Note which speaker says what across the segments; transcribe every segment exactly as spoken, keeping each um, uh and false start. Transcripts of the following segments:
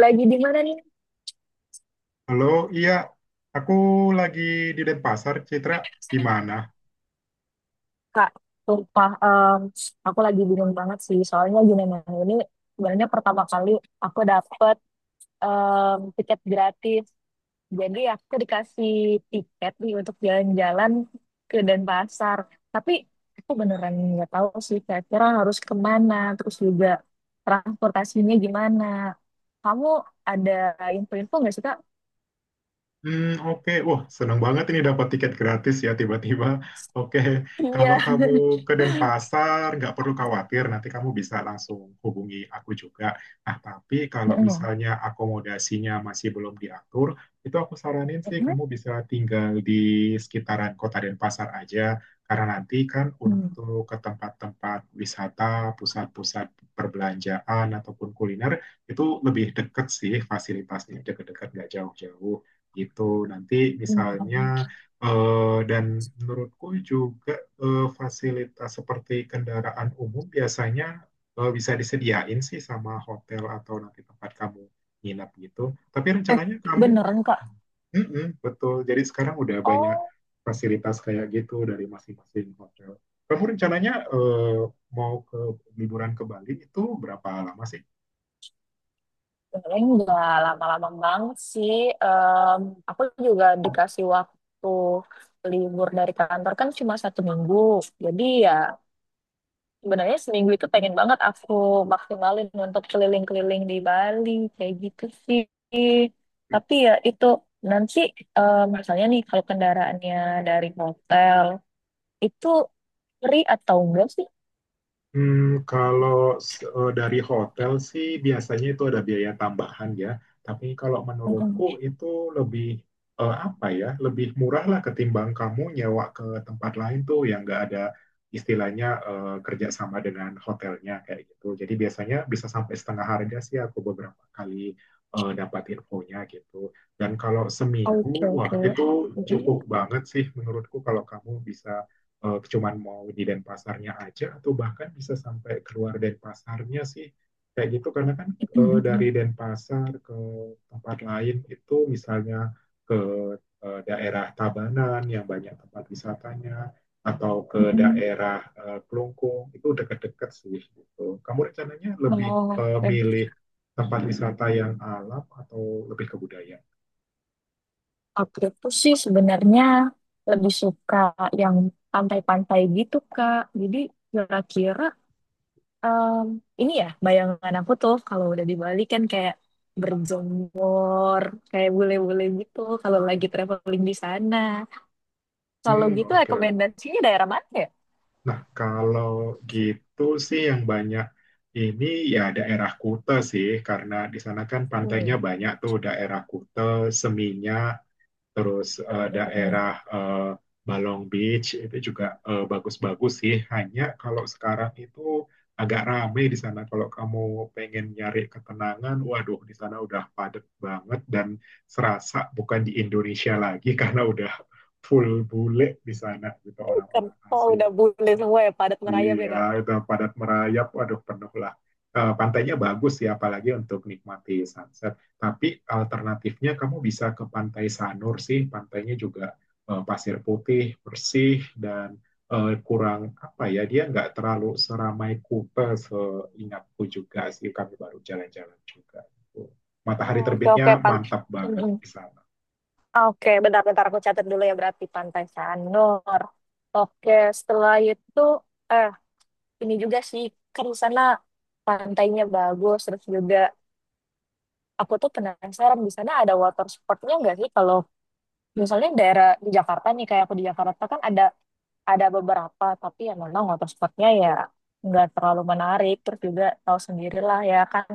Speaker 1: Lagi di mana nih,
Speaker 2: Halo, iya, aku lagi di Denpasar, Citra. Gimana?
Speaker 1: Kak? Sumpah, em, aku lagi bingung banget sih. Soalnya gimana ini sebenarnya pertama kali aku dapet em, tiket gratis. Jadi aku dikasih tiket nih untuk jalan-jalan ke Denpasar. Tapi aku beneran nggak tahu sih kira-kira harus kemana. Terus juga transportasinya gimana. Kamu ada info-info nggak sih, Kak?
Speaker 2: Hmm, oke. Wah, senang banget ini dapat tiket gratis ya tiba-tiba. Oke, kalau
Speaker 1: Iya.
Speaker 2: kamu ke Denpasar, nggak perlu khawatir, nanti kamu bisa langsung hubungi aku juga. Nah, tapi kalau
Speaker 1: Mm-mm.
Speaker 2: misalnya akomodasinya masih belum diatur, itu aku saranin sih
Speaker 1: Mm-mm.
Speaker 2: kamu bisa tinggal di sekitaran kota Denpasar aja, karena nanti kan untuk ke tempat-tempat wisata, pusat-pusat perbelanjaan ataupun kuliner, itu lebih deket sih fasilitasnya, deket-deket nggak jauh-jauh gitu. Nanti misalnya
Speaker 1: Mm-mm.
Speaker 2: eh, dan menurutku juga, eh, fasilitas seperti kendaraan umum biasanya eh, bisa disediain sih sama hotel atau nanti tempat kamu nginap gitu. Tapi
Speaker 1: Eh,
Speaker 2: rencananya kamu.
Speaker 1: beneran Kak.
Speaker 2: Mm-mm, betul. Jadi sekarang udah banyak
Speaker 1: Oh,
Speaker 2: fasilitas kayak gitu dari masing-masing hotel. Kamu rencananya eh, mau ke liburan ke Bali itu berapa lama sih?
Speaker 1: paling nggak lama-lama banget sih. Em, aku juga dikasih waktu libur dari kantor kan cuma satu minggu. Jadi ya sebenarnya seminggu itu pengen banget aku maksimalin untuk keliling-keliling di Bali kayak gitu sih. Tapi ya itu nanti em, misalnya nih kalau kendaraannya dari hotel itu free atau enggak sih?
Speaker 2: Hmm, kalau eh, dari hotel sih biasanya itu ada biaya tambahan ya. Tapi kalau menurutku
Speaker 1: Mm-mm.
Speaker 2: itu lebih eh, apa ya, lebih murah lah ketimbang kamu nyewa ke tempat lain tuh yang nggak ada istilahnya eh, kerjasama dengan hotelnya kayak gitu. Jadi biasanya bisa sampai setengah harga sih aku beberapa kali eh, dapat infonya gitu. Dan kalau seminggu,
Speaker 1: Oke, oke.
Speaker 2: wah itu
Speaker 1: Mm-mm.
Speaker 2: cukup banget sih menurutku kalau kamu bisa eh, cuman mau di Denpasarnya aja atau bahkan bisa sampai keluar Denpasarnya sih kayak gitu karena kan eh, dari Denpasar ke tempat lain itu misalnya ke eh, daerah Tabanan yang banyak tempat wisatanya atau ke
Speaker 1: Mm-mm.
Speaker 2: daerah eh, Kelungkung itu dekat-dekat sih gitu. Kamu rencananya lebih
Speaker 1: Oh,
Speaker 2: eh,
Speaker 1: eh,
Speaker 2: milih tempat wisata yang alam atau lebih ke budaya?
Speaker 1: aku tuh sih sebenarnya lebih suka yang pantai-pantai gitu, Kak. Jadi kira-kira em, ini ya bayangan aku tuh kalau udah di Bali kan kayak berjemur, kayak bule-bule gitu kalau lagi traveling di sana. Kalau
Speaker 2: Hmm, oke.
Speaker 1: gitu
Speaker 2: okay,
Speaker 1: rekomendasinya daerah mana ya?
Speaker 2: Nah, kalau gitu sih yang banyak ini ya daerah Kute sih, karena di sana kan pantainya
Speaker 1: Hmm.
Speaker 2: banyak tuh daerah Kute, Seminyak, terus eh, daerah eh, Balong Beach itu juga eh, bagus-bagus sih. Hanya kalau sekarang itu agak rame di sana. Kalau kamu pengen nyari ketenangan, waduh di sana udah padat banget dan serasa bukan di Indonesia lagi karena udah full bule di sana gitu
Speaker 1: Kan,
Speaker 2: orang-orang
Speaker 1: oh
Speaker 2: asing.
Speaker 1: udah bule semua ya padat merayap ya,
Speaker 2: Iya,
Speaker 1: Kak.
Speaker 2: udah padat merayap, aduh penuh lah. Eh, pantainya bagus ya, apalagi untuk nikmati sunset. Tapi alternatifnya kamu bisa ke Pantai Sanur sih, pantainya juga eh, pasir putih, bersih, dan eh, kurang apa ya, dia nggak terlalu seramai Kuta seingatku juga sih, kami baru jalan-jalan juga. Gitu. Matahari
Speaker 1: Oh, oke, oke,
Speaker 2: terbitnya
Speaker 1: pan.
Speaker 2: mantap banget di sana.
Speaker 1: Oke, bentar-bentar aku catat dulu ya berarti Pantai Sanur. Oke, setelah itu eh ini juga sih kan di sana pantainya bagus terus juga aku tuh penasaran di sana ada water sportnya nggak sih kalau misalnya daerah di Jakarta nih kayak aku di Jakarta kan ada ada beberapa tapi ya memang water sportnya ya nggak terlalu menarik terus juga tahu sendirilah ya kan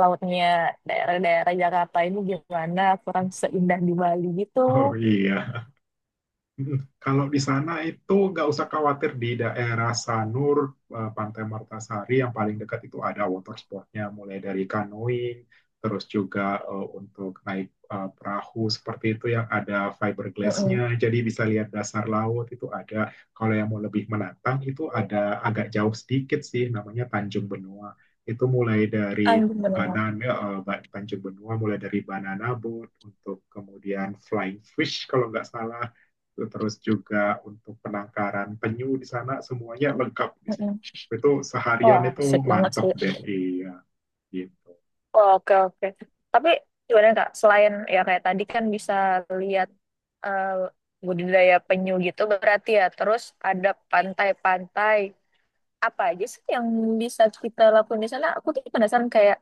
Speaker 1: lautnya daerah-daerah Jakarta ini gimana kurang seindah di Bali gitu.
Speaker 2: Oh iya, Mm, kalau di sana itu nggak usah khawatir di daerah Sanur, eh, Pantai Martasari yang paling dekat itu ada water sportnya, mulai dari canoeing, terus juga eh, untuk naik eh, perahu seperti itu yang ada fiberglassnya, jadi bisa lihat dasar laut itu ada. Kalau yang mau lebih menantang itu ada agak jauh sedikit sih, namanya Tanjung Benua. Itu mulai dari
Speaker 1: Aduh, bener.
Speaker 2: Banana, eh, Ba- Tanjung Benua mulai dari banana boat untuk kemudian flying fish kalau nggak salah terus juga untuk penangkaran penyu di sana semuanya lengkap di situ.
Speaker 1: Mm-mm.
Speaker 2: Itu seharian
Speaker 1: Wah,
Speaker 2: itu
Speaker 1: asik banget
Speaker 2: mantap
Speaker 1: sih.
Speaker 2: deh, iya gitu.
Speaker 1: Wah, oke, oke. Tapi gimana Kak, selain ya kayak tadi kan bisa lihat eh, budidaya penyu gitu berarti ya, terus ada pantai-pantai. Apa aja sih yang bisa kita lakukan di sana? Aku tuh penasaran kayak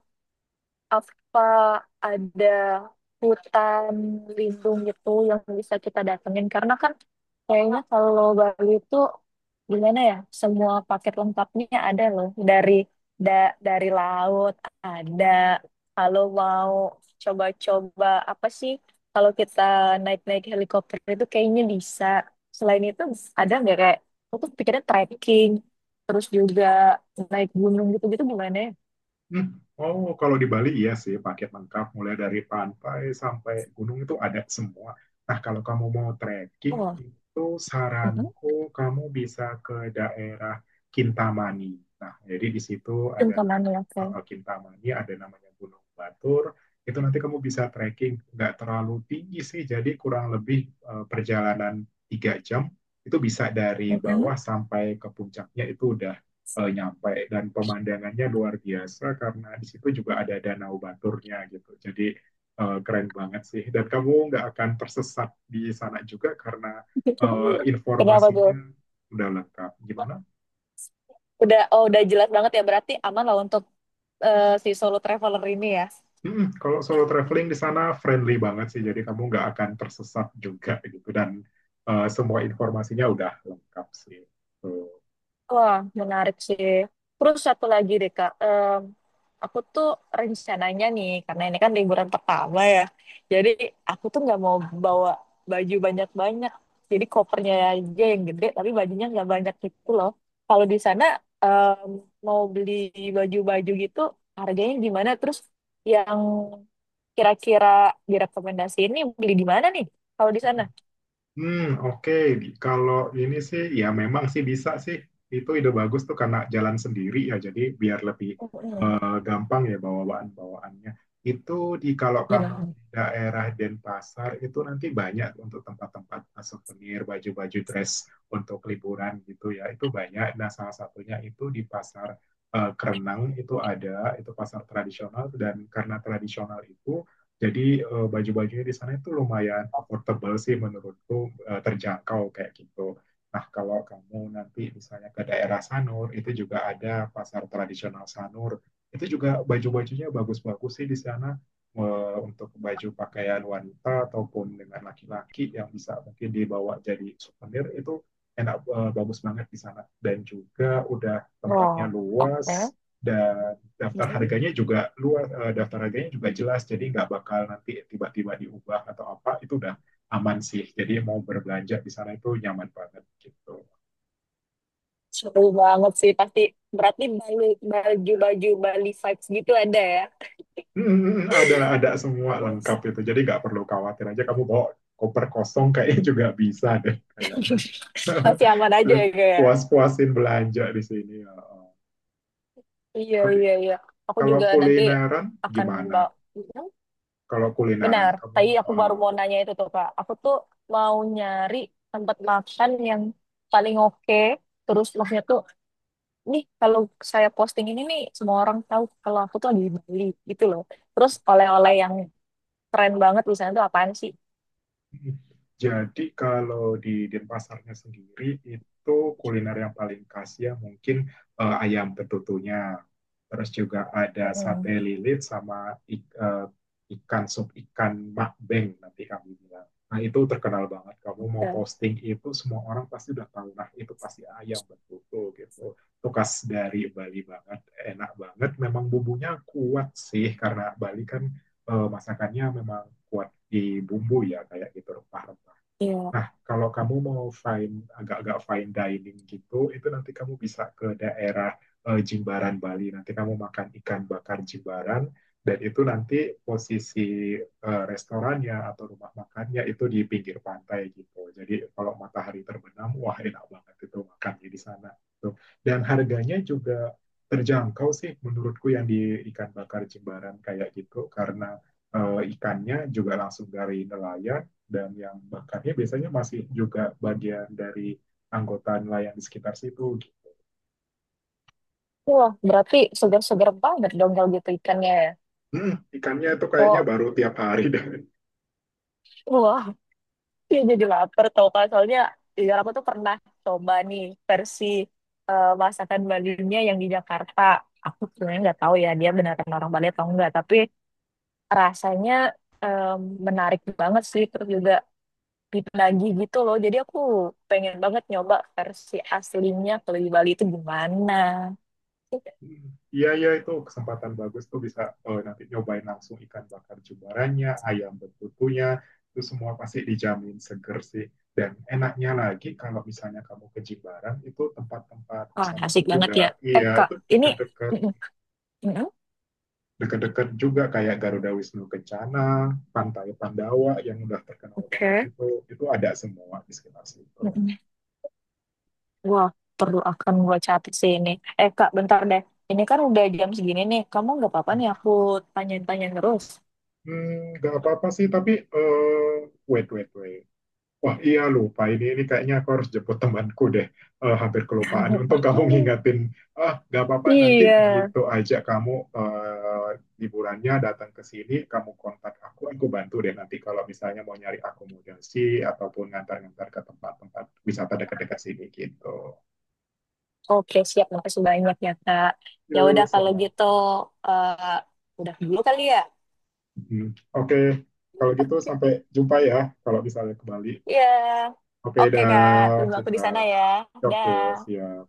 Speaker 1: apa ada hutan lindung gitu yang bisa kita datengin karena kan kayaknya kalau Bali itu gimana ya semua paket lengkapnya ada loh dari da- dari laut ada kalau mau coba-coba apa sih kalau kita naik-naik helikopter itu kayaknya bisa selain itu ada nggak kayak aku tuh pikirnya trekking terus juga naik gunung gitu-gitu gimana ya
Speaker 2: Hmm. Oh, kalau di Bali iya sih, paket lengkap mulai dari pantai sampai gunung itu ada semua. Nah, kalau kamu mau trekking
Speaker 1: oh
Speaker 2: itu saranku kamu bisa ke daerah Kintamani. Nah, jadi di situ ada na-
Speaker 1: Cengkamannya, oke.
Speaker 2: eh, Kintamani, ada namanya Gunung Batur. Itu nanti kamu bisa trekking, nggak terlalu tinggi sih, jadi kurang lebih eh, perjalanan tiga jam itu bisa dari
Speaker 1: Mhm.
Speaker 2: bawah sampai ke puncaknya itu udah eh, nyampe dan pemandangannya luar biasa karena di situ juga ada danau baturnya gitu. Jadi eh, keren banget sih. Dan kamu nggak akan tersesat di sana juga karena eh,
Speaker 1: Kenapa
Speaker 2: informasinya
Speaker 1: tuh?
Speaker 2: udah lengkap. Gimana?
Speaker 1: Udah, oh udah jelas banget ya berarti aman lah untuk eh, si solo traveler ini ya.
Speaker 2: Mm, kalau solo traveling di sana friendly banget sih. Jadi kamu nggak akan tersesat juga gitu dan eh, semua informasinya udah lengkap sih. Tuh.
Speaker 1: Wah, menarik sih. Terus satu lagi deh Kak, Em, aku tuh rencananya nih, karena ini kan liburan pertama ya, jadi aku tuh nggak mau bawa baju banyak-banyak. Jadi kopernya aja yang gede, tapi bajunya nggak banyak gitu loh. Kalau di sana em, mau beli baju-baju gitu, harganya gimana? Terus yang kira-kira direkomendasi ini beli di mana nih kalau di sana?
Speaker 2: Hmm, oke. Kalau ini sih, ya memang sih bisa sih. Itu ide bagus tuh karena jalan sendiri ya, jadi biar lebih
Speaker 1: Mm-mm.
Speaker 2: eh, gampang ya bawaan-bawaannya. Itu di kalau
Speaker 1: Dan
Speaker 2: kamu di daerah Denpasar itu nanti banyak untuk tempat-tempat souvenir, baju-baju dress untuk liburan gitu ya. Itu banyak. Nah, salah satunya itu di Pasar eh, Kerenang itu ada, itu pasar tradisional dan karena tradisional itu jadi eh, baju-bajunya di sana itu lumayan affordable sih menurutku, eh, terjangkau kayak gitu. Nah, kalau kamu nanti misalnya ke daerah Sanur, itu juga ada pasar tradisional Sanur. Itu juga baju-bajunya bagus-bagus sih di sana eh, untuk baju pakaian wanita ataupun dengan laki-laki yang bisa mungkin dibawa jadi souvenir itu enak eh, bagus banget di sana. Dan juga udah tempatnya
Speaker 1: oh, oke.
Speaker 2: luas dan daftar
Speaker 1: Maksudnya
Speaker 2: harganya juga luar eh, daftar harganya juga jelas jadi nggak bakal nanti tiba-tiba diubah atau apa itu udah aman sih jadi mau berbelanja di sana itu nyaman banget gitu.
Speaker 1: seru banget sih pasti. Berarti Bali- baju-baju Bali vibes gitu ada ya?
Speaker 2: Hmm, hmm, hmm, ada ada semua lengkap
Speaker 1: Terus,
Speaker 2: itu jadi nggak perlu khawatir aja kamu bawa koper kosong kayaknya juga bisa deh kayaknya
Speaker 1: masih aman aja ya kayak. Ya?
Speaker 2: puas-puasin belanja di sini ya. Oh.
Speaker 1: Iya,
Speaker 2: Tapi
Speaker 1: iya, iya. Aku
Speaker 2: kalau
Speaker 1: juga nanti
Speaker 2: kulineran
Speaker 1: akan
Speaker 2: gimana?
Speaker 1: bawa.
Speaker 2: Kalau kulineran
Speaker 1: Benar,
Speaker 2: kamu
Speaker 1: tadi aku baru
Speaker 2: eh,
Speaker 1: mau nanya itu tuh Kak. Aku tuh mau nyari tempat makan yang paling oke. Terus maksudnya tuh nih kalau saya posting ini nih semua orang tahu kalau aku tuh lagi di Bali gitu loh. Terus oleh-oleh yang keren banget di sana tuh apaan sih?
Speaker 2: Jadi kalau di Denpasarnya sendiri itu kuliner yang paling khas ya mungkin eh, ayam betutunya. Terus juga ada sate
Speaker 1: Mm-mm.
Speaker 2: lilit sama ik- eh, ikan sup ikan makbeng nanti kami bilang. Nah itu terkenal banget. Kamu mau
Speaker 1: Ya,
Speaker 2: posting itu semua orang pasti udah tahu. Nah itu pasti ayam betutu gitu. Itu khas dari Bali banget. Enak banget. Memang bumbunya kuat sih karena Bali kan eh, masakannya memang kuat dibumbui ya kayak gitu rempah-rempah.
Speaker 1: iya.
Speaker 2: Nah, kalau kamu mau fine agak-agak fine dining gitu, itu nanti kamu bisa ke daerah eh, Jimbaran Bali. Nanti kamu makan ikan bakar Jimbaran dan itu nanti posisi eh, restorannya atau rumah makannya itu di pinggir pantai gitu. Jadi kalau matahari terbenam, wah enak banget itu makannya di sana. Tuh. Dan harganya juga terjangkau sih menurutku yang di ikan bakar Jimbaran kayak gitu karena eh, ikannya juga langsung dari nelayan dan yang bakarnya biasanya masih juga bagian dari anggota nelayan di sekitar situ.
Speaker 1: Wah, berarti segar-segar banget dong kalau gitu ikannya ya.
Speaker 2: Hmm, ikannya itu kayaknya
Speaker 1: Oh,
Speaker 2: baru tiap hari dan
Speaker 1: wah, dia jadi lapar tau kan. Soalnya iya aku tuh pernah coba nih versi eh, masakan Balinya yang di Jakarta. Aku sebenarnya nggak tahu ya dia beneran orang Bali atau enggak. Tapi rasanya em, menarik banget sih. Terus juga lagi gitu loh. Jadi aku pengen banget nyoba versi aslinya kalau di Bali itu gimana.
Speaker 2: iya iya itu kesempatan bagus tuh bisa eh, nanti nyobain langsung ikan bakar jumbaranya, ayam betutunya, itu semua pasti dijamin seger sih. Dan enaknya lagi kalau misalnya kamu ke Jimbaran itu tempat-tempat
Speaker 1: Wah,
Speaker 2: wisatanya
Speaker 1: asik banget
Speaker 2: juga
Speaker 1: ya. Eh,
Speaker 2: iya
Speaker 1: Kak,
Speaker 2: itu
Speaker 1: ini...
Speaker 2: dekat-dekat
Speaker 1: Mm-mm. Mm-mm.
Speaker 2: deket-deket juga kayak Garuda Wisnu Kencana, Pantai Pandawa yang udah terkenal banget
Speaker 1: Oke.
Speaker 2: itu itu ada semua di sekitar situ.
Speaker 1: Mm-mm. Wah, perlu akan gua catat sih ini. Eh, Kak, bentar deh. Ini kan udah jam segini nih. Kamu nggak apa-apa nih aku tanya-tanya terus.
Speaker 2: Hmm, nggak apa-apa sih, tapi uh, wait wait wait. Wah, iya lupa ini ini kayaknya aku harus jemput temanku deh. Eh, hampir kelupaan. Untung kamu ngingatin. Ah, nggak apa-apa nanti
Speaker 1: Iya.
Speaker 2: gitu aja kamu eh, liburannya datang ke sini, kamu kontak aku, aku bantu deh nanti kalau misalnya mau nyari akomodasi ataupun ngantar-ngantar ke tempat-tempat wisata dekat-dekat sini gitu.
Speaker 1: Oke, siap. Makasih banyak ya, Kak. Ya udah
Speaker 2: Yuk,
Speaker 1: kalau
Speaker 2: sama.
Speaker 1: gitu, eh, udah dulu kali ya.
Speaker 2: Mhm. Oke, kalau gitu sampai jumpa ya kalau misalnya ke Bali.
Speaker 1: Iya.
Speaker 2: Oke,
Speaker 1: Oke, Kak.
Speaker 2: dah,
Speaker 1: Tunggu aku di
Speaker 2: Citra.
Speaker 1: sana ya.
Speaker 2: Oke,
Speaker 1: Dah.
Speaker 2: siap.